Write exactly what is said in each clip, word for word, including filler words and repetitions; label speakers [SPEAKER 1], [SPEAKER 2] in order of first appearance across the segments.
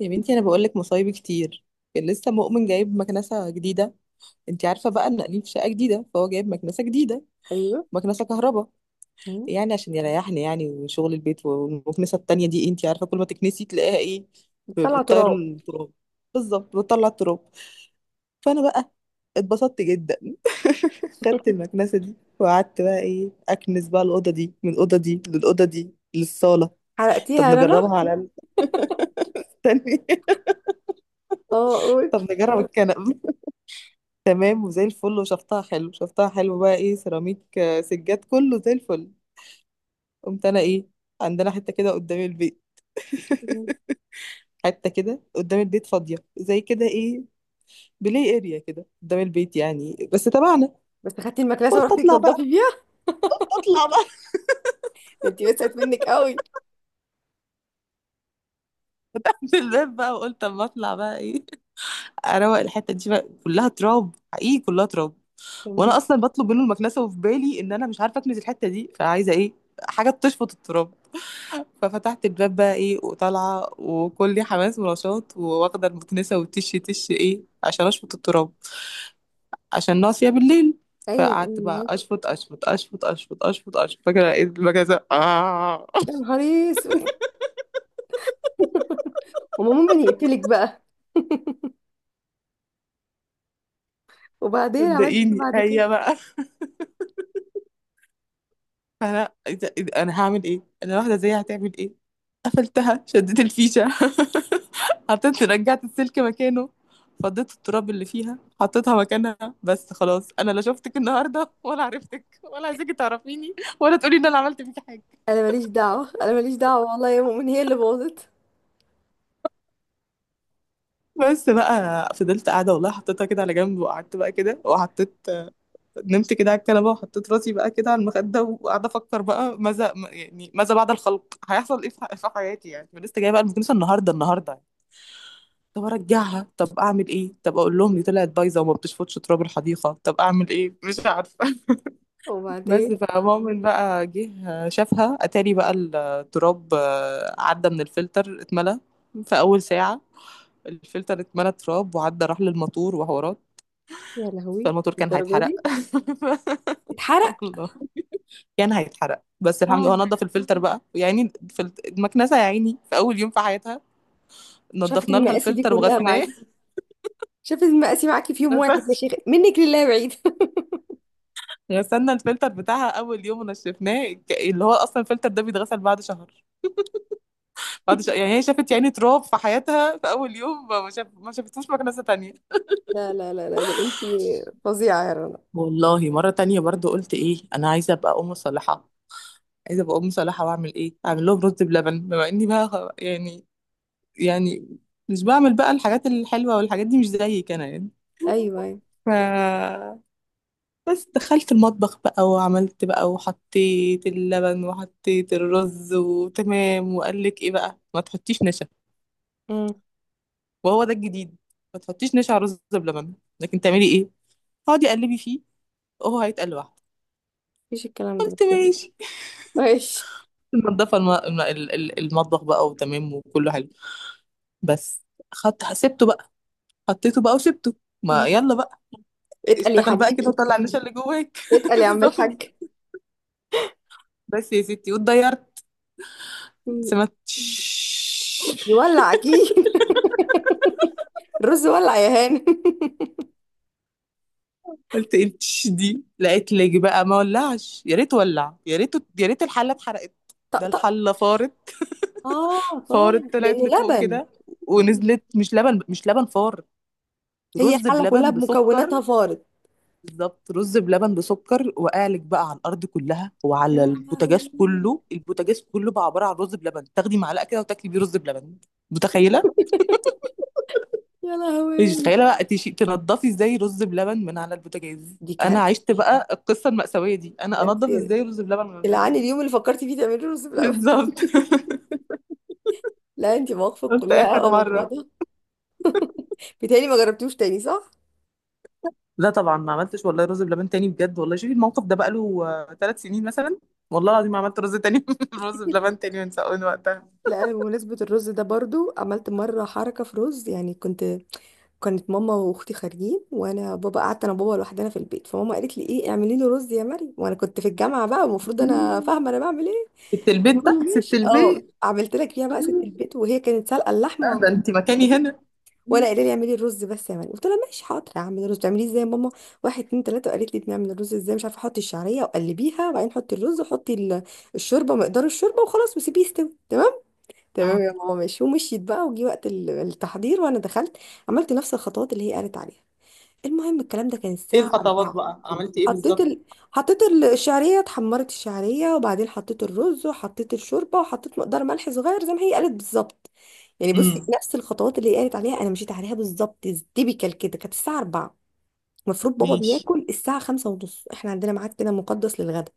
[SPEAKER 1] يا بنتي انا بقول لك مصايب كتير. كان لسه مؤمن جايب مكنسه جديده، انت عارفه بقى ان قايلين في شقه جديده فهو جايب مكنسه جديده،
[SPEAKER 2] ايوه.
[SPEAKER 1] مكنسه كهرباء،
[SPEAKER 2] مم.
[SPEAKER 1] يعني عشان يريحني يعني وشغل البيت. والمكنسه التانية دي انت عارفه كل ما تكنسي تلاقيها ايه، ب-
[SPEAKER 2] بتطلع
[SPEAKER 1] بتطير
[SPEAKER 2] تراب.
[SPEAKER 1] التراب، بالظبط بتطلع التراب. فانا بقى اتبسطت جدا خدت المكنسه دي وقعدت بقى ايه اكنس بقى الاوضه دي من الاوضه دي للاوضه دي للصاله. طب
[SPEAKER 2] حرقتيها يا رنا.
[SPEAKER 1] نجربها على الثانيه
[SPEAKER 2] اه، قول.
[SPEAKER 1] طب نجرب الكنب، تمام وزي الفل. وشفتها حلو شفتها حلو بقى ايه سيراميك آه، سجاد كله زي الفل. قمت انا ايه، عندنا حته كده قدام البيت،
[SPEAKER 2] مم.
[SPEAKER 1] حته كده قدام البيت فاضيه زي كده ايه بلاي اريا كده قدام البيت يعني بس تبعنا.
[SPEAKER 2] بس خدتي المكنسه
[SPEAKER 1] قلت
[SPEAKER 2] ورحتي
[SPEAKER 1] اطلع
[SPEAKER 2] تنضفي
[SPEAKER 1] بقى
[SPEAKER 2] بيها؟
[SPEAKER 1] قلت اطلع بقى
[SPEAKER 2] ده انت وسعت منك قوي.
[SPEAKER 1] فتحت الباب بقى وقلت اما اطلع بقى ايه اروق الحته دي، بقى كلها تراب حقيقي كلها تراب. وانا
[SPEAKER 2] تمام.
[SPEAKER 1] اصلا بطلب منه المكنسه وفي بالي ان انا مش عارفه اكنس الحته دي، فعايزه ايه حاجه تشفط التراب. ففتحت الباب بقى ايه وطالعه وكلي حماس ونشاط وواخده المكنسه وتش تش ايه عشان اشفط التراب، عشان ناقصه بالليل.
[SPEAKER 2] ايوه ايوه،
[SPEAKER 1] فقعدت بقى
[SPEAKER 2] معاك.
[SPEAKER 1] اشفط اشفط اشفط اشفط اشفط اشفط فاكره، لقيت المكنسه اه.
[SPEAKER 2] يا نهار اسود. وما مؤمن يقتلك بقى؟ وبعدين عملت ايه
[SPEAKER 1] صدقيني
[SPEAKER 2] بعد
[SPEAKER 1] هي
[SPEAKER 2] كده؟
[SPEAKER 1] بقى، فانا إذا إذا انا هعمل ايه، انا واحده زيها هتعمل ايه؟ قفلتها شديت الفيشه حطيت رجعت السلك مكانه، فضيت التراب اللي فيها حطيتها مكانها بس خلاص. انا لا شفتك النهارده ولا عرفتك ولا عايزاكي تعرفيني ولا تقولي ان انا عملت فيكي حاجه.
[SPEAKER 2] انا ماليش دعوه، انا ماليش دعوه، والله يا مؤمن هي اللي باظت.
[SPEAKER 1] بس بقى فضلت قاعده والله، حطيتها كده على جنب وقعدت بقى كده وحطيت، نمت كده على الكنبه وحطيت راسي بقى كده على المخده وقاعده افكر بقى، ماذا يعني ماذا بعد الخلق هيحصل ايه في في حياتي، يعني لسه جايه بقى المكنسه النهارده النهارده طب ارجعها، طب اعمل ايه، طب اقول لهم دي طلعت بايظه وما بتشفطش تراب الحديقه، طب اعمل ايه مش عارفه بس
[SPEAKER 2] وبعدين؟
[SPEAKER 1] فمؤمن بقى جه شافها، اتاري بقى التراب آه، عدى من الفلتر اتملى في اول ساعه، الفلتر اتملى تراب وعدى راح للموتور وحوارات،
[SPEAKER 2] يا لهوي.
[SPEAKER 1] فالموتور كان
[SPEAKER 2] الدرجه
[SPEAKER 1] هيتحرق
[SPEAKER 2] دي اتحرق؟
[SPEAKER 1] والله كان هيتحرق، بس الحمد
[SPEAKER 2] اه.
[SPEAKER 1] لله هو نضف الفلتر بقى، يعني فلت- المكنسه يا عيني في اول يوم في حياتها
[SPEAKER 2] شافت
[SPEAKER 1] نضفنا لها
[SPEAKER 2] المقاسي دي
[SPEAKER 1] الفلتر
[SPEAKER 2] كلها
[SPEAKER 1] وغسناه.
[SPEAKER 2] معاكي. شافت المقاسي معاكي في يوم واحد، يا شيخ منك لله بعيد.
[SPEAKER 1] غسلنا الفلتر بتاعها اول يوم ونشفناه، ك- اللي هو اصلا الفلتر ده بيتغسل بعد شهر، بعد شهر، يعني هي شافت يعني تراب في حياتها في اول يوم، ما شاف ما شافتوش مكنسه تانية.
[SPEAKER 2] لا لا لا لا، ده انت فظيعه يا رنا.
[SPEAKER 1] والله مرة تانية برضو قلت ايه، انا عايزة ابقى ام صالحة، عايزة ابقى ام صالحة واعمل ايه، اعمل لهم رز بلبن، بما اني بقى خ- يعني، يعني مش بعمل بقى الحاجات الحلوة والحاجات دي، مش زيك انا يعني.
[SPEAKER 2] ايوه.
[SPEAKER 1] ف بس دخلت المطبخ بقى وعملت بقى وحطيت اللبن وحطيت الرز وتمام، وقال لك ايه بقى، ما تحطيش نشا،
[SPEAKER 2] ايوه.
[SPEAKER 1] وهو ده الجديد، ما تحطيش نشا على رز بلبن، لكن تعملي ايه، اقعدي قلبي فيه وهو هيتقل لوحده.
[SPEAKER 2] مفيش الكلام ده
[SPEAKER 1] قلت
[SPEAKER 2] بس؟
[SPEAKER 1] ماشي
[SPEAKER 2] ماشي.
[SPEAKER 1] منضفه الم... الم- ال- ال- المطبخ بقى وتمام وكله حلو، بس، خدت سبته بقى، حطيته بقى وسبته، ما
[SPEAKER 2] مم.
[SPEAKER 1] يلا بقى،
[SPEAKER 2] اتقل يا
[SPEAKER 1] اشتغل بقى
[SPEAKER 2] حبيبي.
[SPEAKER 1] كده وطلع النشا اللي جواك
[SPEAKER 2] اتقل يا عم
[SPEAKER 1] بالظبط.
[SPEAKER 2] الحاج.
[SPEAKER 1] بس يا ستي واتضيرت،
[SPEAKER 2] مم.
[SPEAKER 1] سمعت.
[SPEAKER 2] يولع اكيد. الرز ولع يا هاني.
[SPEAKER 1] قلت ايه التش دي، لقيت لج بقى ما ولعش، يا ريت ولع، يا ريت يا ريت الحله اتحرقت، ده
[SPEAKER 2] طقطق.
[SPEAKER 1] الحله فارت،
[SPEAKER 2] اه، فار.
[SPEAKER 1] فارت طلعت
[SPEAKER 2] لانه
[SPEAKER 1] لفوق
[SPEAKER 2] لبن.
[SPEAKER 1] كده
[SPEAKER 2] آه.
[SPEAKER 1] ونزلت، مش لبن، مش لبن فار،
[SPEAKER 2] هي
[SPEAKER 1] رز
[SPEAKER 2] الحله كلها
[SPEAKER 1] بلبن بسكر،
[SPEAKER 2] بمكوناتها فارت.
[SPEAKER 1] بالظبط رز بلبن بسكر، وقالك بقى على الارض كلها
[SPEAKER 2] يا
[SPEAKER 1] وعلى البوتاجاز
[SPEAKER 2] لهوي.
[SPEAKER 1] كله، البوتاجاز كله بقى عباره عن رز بلبن، تاخدي معلقه كده وتاكلي بيه رز بلبن. متخيله؟
[SPEAKER 2] يا
[SPEAKER 1] مش
[SPEAKER 2] لهوي.
[SPEAKER 1] متخيله بقى تشي- تنضفي ازاي رز بلبن من على البوتاجاز.
[SPEAKER 2] دي
[SPEAKER 1] انا
[SPEAKER 2] كارثه.
[SPEAKER 1] عشت بقى القصه المأساويه دي، انا
[SPEAKER 2] ده انت.
[SPEAKER 1] انضف ازاي رز بلبن من على البوتاجاز،
[SPEAKER 2] العاني اليوم اللي فكرتي فيه تعملي رز بلبن.
[SPEAKER 1] بالظبط
[SPEAKER 2] لا، انت مواقفك
[SPEAKER 1] قلت
[SPEAKER 2] كلها
[SPEAKER 1] اخر
[SPEAKER 2] اه مع
[SPEAKER 1] مره.
[SPEAKER 2] بعضها. بيتهيألي ما جربتوش تاني، صح؟
[SPEAKER 1] لا طبعا ما عملتش والله رز بلبن تاني، بجد والله شوفي الموقف ده بقاله ثلاث سنين مثلا، والله العظيم ما عملت رز تاني رز بلبن تاني من ساعة- من وقتها.
[SPEAKER 2] لا، انا بمناسبة الرز ده برضو عملت مرة حركة في رز. يعني كنت، كانت ماما واختي خارجين وانا بابا، قعدت انا وبابا لوحدنا في البيت، فماما قالت لي ايه، اعملي له رز يا مريم، وانا كنت في الجامعة بقى، المفروض انا
[SPEAKER 1] مم.
[SPEAKER 2] فاهمة انا بعمل ايه.
[SPEAKER 1] ست البيت
[SPEAKER 2] المهم
[SPEAKER 1] بقى، ست
[SPEAKER 2] ماشي، اه،
[SPEAKER 1] البيت.
[SPEAKER 2] عملت لك فيها بقى ست
[SPEAKER 1] مم.
[SPEAKER 2] البيت، وهي كانت سالقة اللحمة
[SPEAKER 1] آه
[SPEAKER 2] وعم-
[SPEAKER 1] ده انت مكاني هنا.
[SPEAKER 2] وانا
[SPEAKER 1] مم.
[SPEAKER 2] قايله لي اعملي الرز بس يا مريم، قلت لها ماشي حاضر هعمل الرز، تعمليه ازاي يا ماما؟ واحد اتنين تلاته، وقالت لي بنعمل الرز ازاي، مش عارفه، احطي الشعريه وقلبيها وبعدين حطي الرز وحطي ال- الشوربه، مقدار الشوربه وخلاص وسيبيه يستوي تمام. تمام
[SPEAKER 1] اه.
[SPEAKER 2] يا ماما، ماشي، ومشيت بقى. وجي وقت ال- التحضير وانا دخلت، عملت نفس الخطوات اللي هي قالت عليها. المهم الكلام ده كان
[SPEAKER 1] ايه
[SPEAKER 2] الساعة
[SPEAKER 1] الخطوات
[SPEAKER 2] أربعة.
[SPEAKER 1] بقى، عملتي ايه
[SPEAKER 2] حطيت
[SPEAKER 1] بالظبط؟
[SPEAKER 2] ال... حطيت ال- الشعرية، اتحمرت الشعرية، وبعدين حطيت الرز وحطيت الشوربة وحطيت مقدار ملح صغير زي ما هي قالت بالظبط. يعني بصي،
[SPEAKER 1] امم.
[SPEAKER 2] نفس الخطوات اللي هي قالت عليها انا مشيت عليها بالظبط. تيبيكال كده، كانت الساعة أربعة، المفروض بابا
[SPEAKER 1] ماشي.
[SPEAKER 2] بياكل الساعة خمسة ونص، احنا عندنا ميعاد كده مقدس للغدا.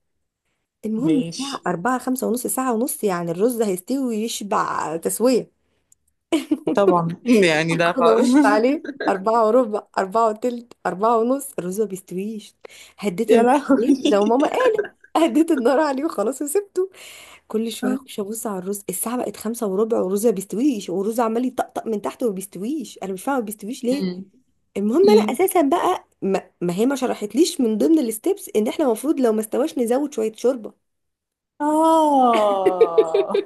[SPEAKER 2] المهم
[SPEAKER 1] ماشي.
[SPEAKER 2] الساعة أربعة، خمسة ونص، ساعة ونص يعني الرز هيستوي ويشبع تسوية.
[SPEAKER 1] طبعا. يعني لا
[SPEAKER 2] انا
[SPEAKER 1] خالص.
[SPEAKER 2] بصت عليه، أربعة وربع، أربعة وتلت، أربعة ونص، الرز ما بيستويش. هديت
[SPEAKER 1] يا
[SPEAKER 2] النار
[SPEAKER 1] لهوي.
[SPEAKER 2] عليه زي ما ماما قالت، هديت النار عليه وخلاص وسبته. كل شوية أخش أبص على الرز، الساعة بقت خمسة وربع والرز ما بيستويش، والرز عمال يطقطق من تحت وما بيستويش، أنا مش فاهمة ما بيستويش ليه.
[SPEAKER 1] مم.
[SPEAKER 2] المهم أنا
[SPEAKER 1] مم.
[SPEAKER 2] أساسا بقى، ما, ما هي ما شرحتليش من ضمن الستبس إن إحنا المفروض لو ما استواش نزود شوية شوربة،
[SPEAKER 1] اه.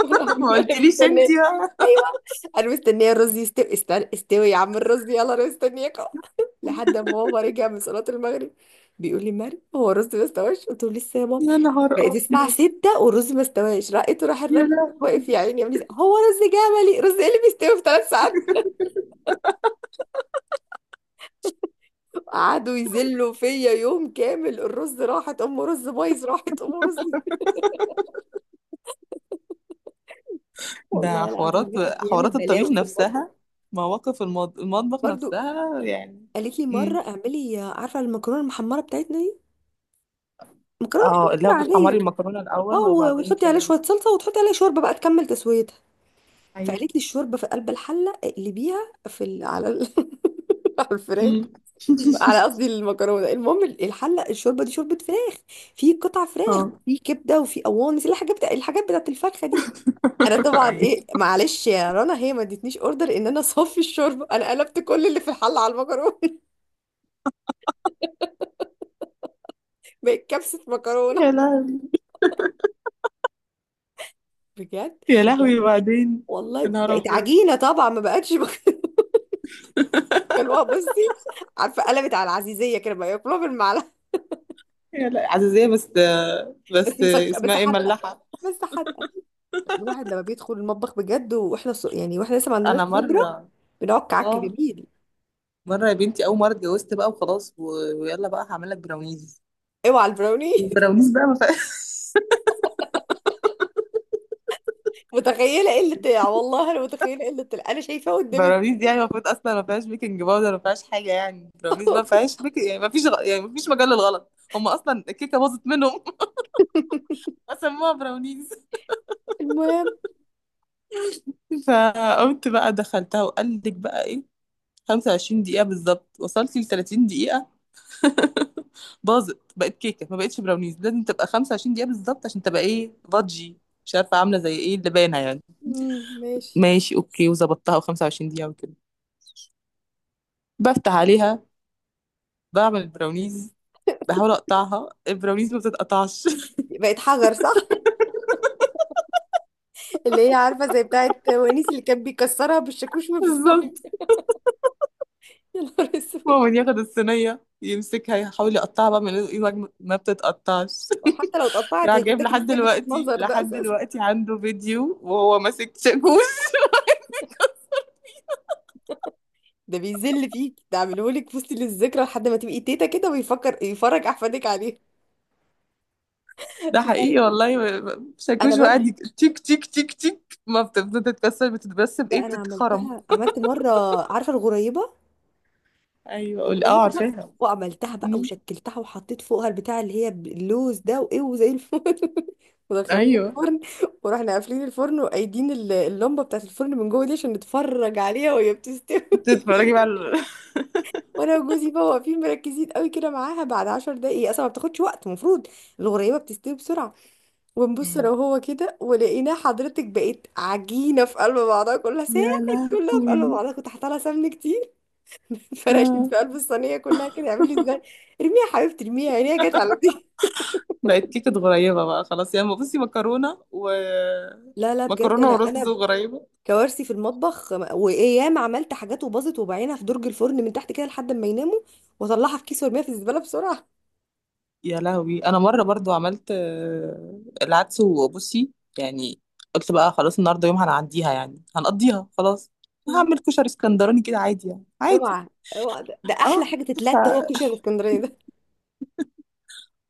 [SPEAKER 2] وانا
[SPEAKER 1] ما
[SPEAKER 2] عماله
[SPEAKER 1] قلتليش انت
[SPEAKER 2] مستنيه.
[SPEAKER 1] بقى.
[SPEAKER 2] ايوه، انا مستنيه الرز يستوي، استنى استوي يا عم الرز، يلا انا مستنياكم. لحد ما بابا رجع من صلاه المغرب، بيقول لي مريم هو الرز ما استواش؟ قلت له لسه يا بابا.
[SPEAKER 1] يا نهار
[SPEAKER 2] بقت الساعه
[SPEAKER 1] أبيض.
[SPEAKER 2] ستة والرز ما استواش، رقيته، راح
[SPEAKER 1] يا
[SPEAKER 2] الراجل
[SPEAKER 1] لا.
[SPEAKER 2] واقف يا عيني يعمل إيه؟ هو رز جملي؟ رز ايه اللي بيستوي في ثلاث ساعات؟ قعدوا يذلوا فيا يوم كامل، الرز راحت ام رز، بايظ راحت ام رز.
[SPEAKER 1] ده
[SPEAKER 2] والله العظيم
[SPEAKER 1] حوارات
[SPEAKER 2] الواحد بيعمل
[SPEAKER 1] حوارات الطبيخ
[SPEAKER 2] بلاوي في المطبخ.
[SPEAKER 1] نفسها، مواقف المض... المطبخ
[SPEAKER 2] برضو
[SPEAKER 1] نفسها يعني.
[SPEAKER 2] قالت لي
[SPEAKER 1] امم.
[SPEAKER 2] مره اعملي، عارفه المكرونه المحمره بتاعتنا، مكرونه
[SPEAKER 1] اه
[SPEAKER 2] بشاميل
[SPEAKER 1] اللي هو بتحمري
[SPEAKER 2] عاديه.
[SPEAKER 1] المكرونة
[SPEAKER 2] اه،
[SPEAKER 1] الأول
[SPEAKER 2] و-
[SPEAKER 1] وبعدين
[SPEAKER 2] وتحطي عليها
[SPEAKER 1] ت-.
[SPEAKER 2] شويه صلصه وتحطي عليها شوربه بقى تكمل تسويتها.
[SPEAKER 1] ايوه.
[SPEAKER 2] فقالت لي الشوربه في قلب الحله اقلبيها في ال... على ال... على الفراخ،
[SPEAKER 1] امم.
[SPEAKER 2] على قصدي المكرونه. المهم ال- الحله، الشوربه دي شوربه فراخ، في قطع فراخ
[SPEAKER 1] اه.
[SPEAKER 2] وفي كبده وفي قوانص، الحاجات بتاع الحاجات بتاعت الفرخه دي. انا طبعا
[SPEAKER 1] ايوه.
[SPEAKER 2] ايه، معلش يا رنا، هي ما ادتنيش اوردر ان انا اصفي الشوربه، انا قلبت كل اللي في الحله على المكرونه. بقت كبسه مكرونه،
[SPEAKER 1] يا لهوي.
[SPEAKER 2] بجد.
[SPEAKER 1] يا لهوي وبعدين. يا
[SPEAKER 2] والله
[SPEAKER 1] نهار
[SPEAKER 2] بقت
[SPEAKER 1] أبيض.
[SPEAKER 2] عجينه طبعا ما بقتش. كانوا بصي، عارفه، قلبت على العزيزيه كده بقى ياكلوها بالمعلقه.
[SPEAKER 1] يا لا عزيزية بس،
[SPEAKER 2] بس
[SPEAKER 1] بس
[SPEAKER 2] مسك،
[SPEAKER 1] اسمها
[SPEAKER 2] بس
[SPEAKER 1] ايه
[SPEAKER 2] حادقه،
[SPEAKER 1] ملاحة.
[SPEAKER 2] بس حادقه. الواحد لما بيدخل المطبخ بجد، واحنا ص... يعني واحنا لسه ما عندناش
[SPEAKER 1] أنا
[SPEAKER 2] خبره،
[SPEAKER 1] مرة،
[SPEAKER 2] بنقعد كعك
[SPEAKER 1] اه
[SPEAKER 2] جميل.
[SPEAKER 1] مرة يا بنتي، أول مرة اتجوزت بقى وخلاص و... ويلا بقى هعمل لك براونيز،
[SPEAKER 2] اوعى البراوني.
[SPEAKER 1] البراونيز بقى ما فيهاش.
[SPEAKER 2] متخيله قله الع- والله انا متخيله قله الع- انا شايفاه قدامي.
[SPEAKER 1] براونيز دي يعني المفروض اصلا ما فيهاش بيكنج باودر، ما فيهاش حاجه، يعني براونيز ما فيهاش بيك... يعني ما فيش غ... يعني ما فيش مجال للغلط، هم اصلا الكيكه باظت منهم فسموها براونيز.
[SPEAKER 2] المهم،
[SPEAKER 1] فقمت بقى دخلتها وقال لك بقى ايه خمسة وعشرين دقيقة دقيقه بالظبط، وصلت ل ثلاثين دقيقة دقيقه باظت، بقت كيكه ما بقتش براونيز. لازم تبقى خمسة وعشرين دقيقة دقيقه بالظبط عشان تبقى ايه فادجي، مش عارفه عامله زي ايه اللبانه يعني.
[SPEAKER 2] مم، ماشي.
[SPEAKER 1] ماشي اوكي، وظبطتها وخمسة وعشرين دقيقة وكده بفتح عليها بعمل البراونيز، بحاول اقطعها البراونيز ما بتتقطعش
[SPEAKER 2] بقت حجر، صح؟ اللي هي عارفه زي بتاعت ونيس اللي كان بيكسرها بالشاكوش ما
[SPEAKER 1] بالظبط.
[SPEAKER 2] بيساوي. يا نهار اسود.
[SPEAKER 1] ماما ياخد الصينية يمسكها يحاول يقطعها بقى من ايده، ما ما بتتقطعش.
[SPEAKER 2] وحتى لو اتقطعت،
[SPEAKER 1] راح
[SPEAKER 2] هي
[SPEAKER 1] جايب،
[SPEAKER 2] بتاكل
[SPEAKER 1] لحد
[SPEAKER 2] ازاي
[SPEAKER 1] دلوقتي
[SPEAKER 2] بالمنظر ده
[SPEAKER 1] لحد
[SPEAKER 2] اساسا؟
[SPEAKER 1] دلوقتي عنده فيديو وهو ماسك شاكوش
[SPEAKER 2] ده بيذل فيك، ده عاملهولك في وسط الذكرى لحد ما تبقي تيتا كده ويفكر يفرج احفادك عليه.
[SPEAKER 1] ده حقيقي والله، و- و-
[SPEAKER 2] انا
[SPEAKER 1] شاكوش،
[SPEAKER 2] برضه،
[SPEAKER 1] وقاعد يك- تيك تيك تيك تيك، ما بتفضل تتكسر، بتتبس بايه،
[SPEAKER 2] لا انا
[SPEAKER 1] بتتخرم.
[SPEAKER 2] عملتها، عملت مره، عارفه الغريبه؟
[SPEAKER 1] ايوه قول، اه
[SPEAKER 2] الغريبه بقى،
[SPEAKER 1] عارفاها.
[SPEAKER 2] وعملتها بقى
[SPEAKER 1] مم.
[SPEAKER 2] وشكلتها وحطيت فوقها البتاع اللي هي اللوز ده وايه، وزي الفل. ودخلناه
[SPEAKER 1] ايوه.
[SPEAKER 2] الفرن، ورحنا قافلين الفرن وقايدين ال- اللمبه بتاعت الفرن من جوه دي عشان نتفرج عليها وهي بتستوي.
[SPEAKER 1] بتتفرجي بقى على-.
[SPEAKER 2] وانا وجوزي بقى واقفين مركزين قوي كده معاها، بعد عشر دقايق، هي اصلا ما بتاخدش وقت المفروض، الغريبه بتستوي بسرعه. ونبص
[SPEAKER 1] مم.
[SPEAKER 2] لو هو كده، ولقينا حضرتك بقت عجينة في قلب بعضها، كلها
[SPEAKER 1] يا
[SPEAKER 2] ساحت، كلها في
[SPEAKER 1] لهوي.
[SPEAKER 2] قلب بعضها، كنت حاطه لها سمن كتير. فرشت
[SPEAKER 1] آه.
[SPEAKER 2] في قلب الصينية كلها كده، يعمل لي ازاي؟ ارميها يا حبيبتي، ارميها، عينيها جت على دي.
[SPEAKER 1] بقت كيكة غريبة بقى خلاص يعني، بصي مكرونة و،
[SPEAKER 2] لا لا بجد،
[SPEAKER 1] مكرونة
[SPEAKER 2] انا
[SPEAKER 1] ورز
[SPEAKER 2] انا
[SPEAKER 1] وغريبة.
[SPEAKER 2] كوارثي في المطبخ، وايام عملت حاجات وباظت وبعينها في درج الفرن من تحت كده لحد ما يناموا، واطلعها في كيس وارميها في الزبالة بسرعة.
[SPEAKER 1] يا لهوي. انا مره برضو عملت آه، العدس، وبصي يعني، قلت بقى خلاص النهارده يوم هنعديها يعني هنقضيها خلاص،
[SPEAKER 2] مم.
[SPEAKER 1] هعمل كشري اسكندراني كده عادي يعني عادي.
[SPEAKER 2] اوعى، اوعى، ده, ده
[SPEAKER 1] اه،
[SPEAKER 2] احلى حاجة
[SPEAKER 1] ف...
[SPEAKER 2] تتلات هو الكشري الاسكندراني ده.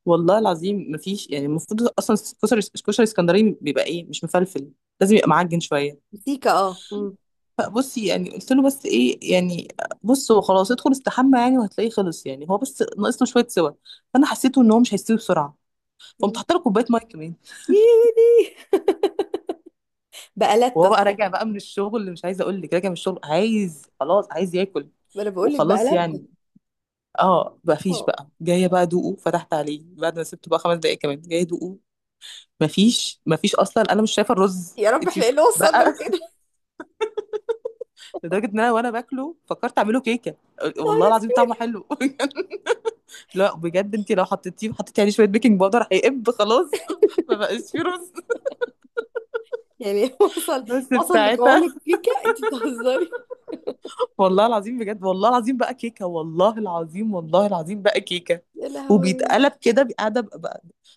[SPEAKER 1] والله العظيم مفيش يعني المفروض اصلا كشري كشري اسكندراني بيبقى ايه مش مفلفل، لازم يبقى معجن شويه.
[SPEAKER 2] سيكا، اه. مم.
[SPEAKER 1] فبصي يعني قلت له بس ايه يعني، بص هو خلاص ادخل استحمى يعني وهتلاقيه خلص يعني، هو بس ناقص له شويه سوا. فانا حسيته ان هو مش هيستوي بسرعه، فقمت
[SPEAKER 2] مم.
[SPEAKER 1] حاطه له كوبايه ميه كمان،
[SPEAKER 2] يودي، بقلت.
[SPEAKER 1] وهو بقى راجع بقى من الشغل، اللي مش عايزه اقول لك راجع من الشغل عايز خلاص عايز ياكل
[SPEAKER 2] ما انا بقول لك بقى
[SPEAKER 1] وخلاص
[SPEAKER 2] لتة.
[SPEAKER 1] يعني. اه مفيش
[SPEAKER 2] اه.
[SPEAKER 1] بقى، جايه بقى ادوقه، فتحت عليه بعد ما سبته بقى خمس دقايق كمان، جايه ادوقه مفيش، مفيش اصلا انا مش شايفه الرز.
[SPEAKER 2] يا رب
[SPEAKER 1] انت
[SPEAKER 2] احنا ايه
[SPEAKER 1] مش
[SPEAKER 2] اللي وصلنا
[SPEAKER 1] بقى.
[SPEAKER 2] لكده.
[SPEAKER 1] لدرجه ان انا وانا باكله فكرت اعمله كيكه،
[SPEAKER 2] يا
[SPEAKER 1] والله
[SPEAKER 2] نهار
[SPEAKER 1] العظيم
[SPEAKER 2] اسود.
[SPEAKER 1] طعمه حلو. لا بجد، انت لو حطيتيه، حطيتي عليه شويه بيكنج باودر هيقب خلاص. ما بقاش فيه رز
[SPEAKER 2] يعني وصل،
[SPEAKER 1] بس في
[SPEAKER 2] وصل لقوام
[SPEAKER 1] ساعتها.
[SPEAKER 2] الكيكه؟ انت بتهزري.
[SPEAKER 1] والله العظيم بجد، والله العظيم بقى كيكه، والله العظيم والله العظيم بقى كيكه.
[SPEAKER 2] يا لهوي.
[SPEAKER 1] وبيتقلب كده بي- قاعده ب- ب-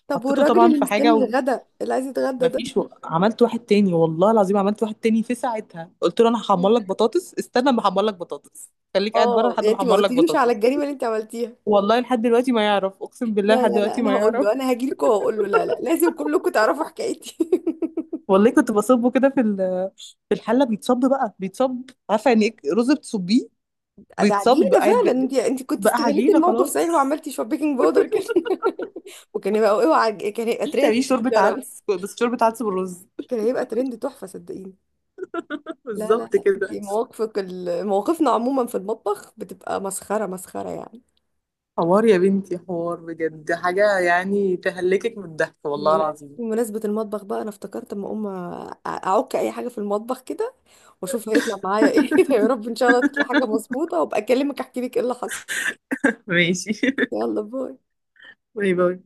[SPEAKER 2] طب
[SPEAKER 1] حطيته
[SPEAKER 2] والراجل
[SPEAKER 1] طبعا
[SPEAKER 2] اللي
[SPEAKER 1] في
[SPEAKER 2] مستني
[SPEAKER 1] حاجه.
[SPEAKER 2] الغدا اللي عايز يتغدى ده؟
[SPEAKER 1] ومفيش و... عملت واحد تاني، والله العظيم عملت واحد تاني في ساعتها، قلت له انا هحمر لك بطاطس، استنى ما احمر لك بطاطس، خليك قاعد بره
[SPEAKER 2] اه،
[SPEAKER 1] لحد
[SPEAKER 2] يعني
[SPEAKER 1] ما
[SPEAKER 2] انت ما
[SPEAKER 1] احمر لك
[SPEAKER 2] قلتليش على
[SPEAKER 1] بطاطس.
[SPEAKER 2] الجريمه اللي انت عملتيها.
[SPEAKER 1] والله لحد دلوقتي ما يعرف، اقسم بالله
[SPEAKER 2] لا
[SPEAKER 1] لحد
[SPEAKER 2] لا لا،
[SPEAKER 1] دلوقتي
[SPEAKER 2] انا
[SPEAKER 1] ما
[SPEAKER 2] هقول
[SPEAKER 1] يعرف.
[SPEAKER 2] له، انا هاجي لكم وهقول له، لا لا لازم كلكم تعرفوا حكايتي.
[SPEAKER 1] والله كنت بصبه كده في ال-، في الحله بيتصب بقى، بيتصب عارفه يعني ايه رز بتصبيه،
[SPEAKER 2] ده عجينه
[SPEAKER 1] بيتصب قاعد
[SPEAKER 2] فعلا،
[SPEAKER 1] ب-،
[SPEAKER 2] انت، انت كنت
[SPEAKER 1] بقى
[SPEAKER 2] استغلتي
[SPEAKER 1] عجينه
[SPEAKER 2] الموقف
[SPEAKER 1] خلاص.
[SPEAKER 2] صحيح وعملتي شويه بيكنج باودر كده. وكان هيبقى، اوعى، كان هيبقى ترند،
[SPEAKER 1] تعملي
[SPEAKER 2] كنت
[SPEAKER 1] شوربة
[SPEAKER 2] أرى.
[SPEAKER 1] عدس، بس شوربة عدس بالرز
[SPEAKER 2] كان هيبقى ترند تحفه، صدقيني. لا لا
[SPEAKER 1] بالظبط
[SPEAKER 2] لا،
[SPEAKER 1] كده.
[SPEAKER 2] دي مواقفك ال- مواقفنا عموما في المطبخ بتبقى مسخرة مسخرة يعني.
[SPEAKER 1] حوار يا بنتي، حوار بجد، حاجة يعني تهلكك من الضحك والله
[SPEAKER 2] بمن-
[SPEAKER 1] العظيم.
[SPEAKER 2] بمناسبة المطبخ بقى، أنا افتكرت أما أقوم، أ- أعك أي حاجة في المطبخ كده وأشوف هيطلع معايا إيه. يا رب إن شاء الله تطلع حاجة مظبوطة وأبقى أكلمك أحكي لك إيه اللي حصل.
[SPEAKER 1] ماشي
[SPEAKER 2] يلا، باي.
[SPEAKER 1] باي باي.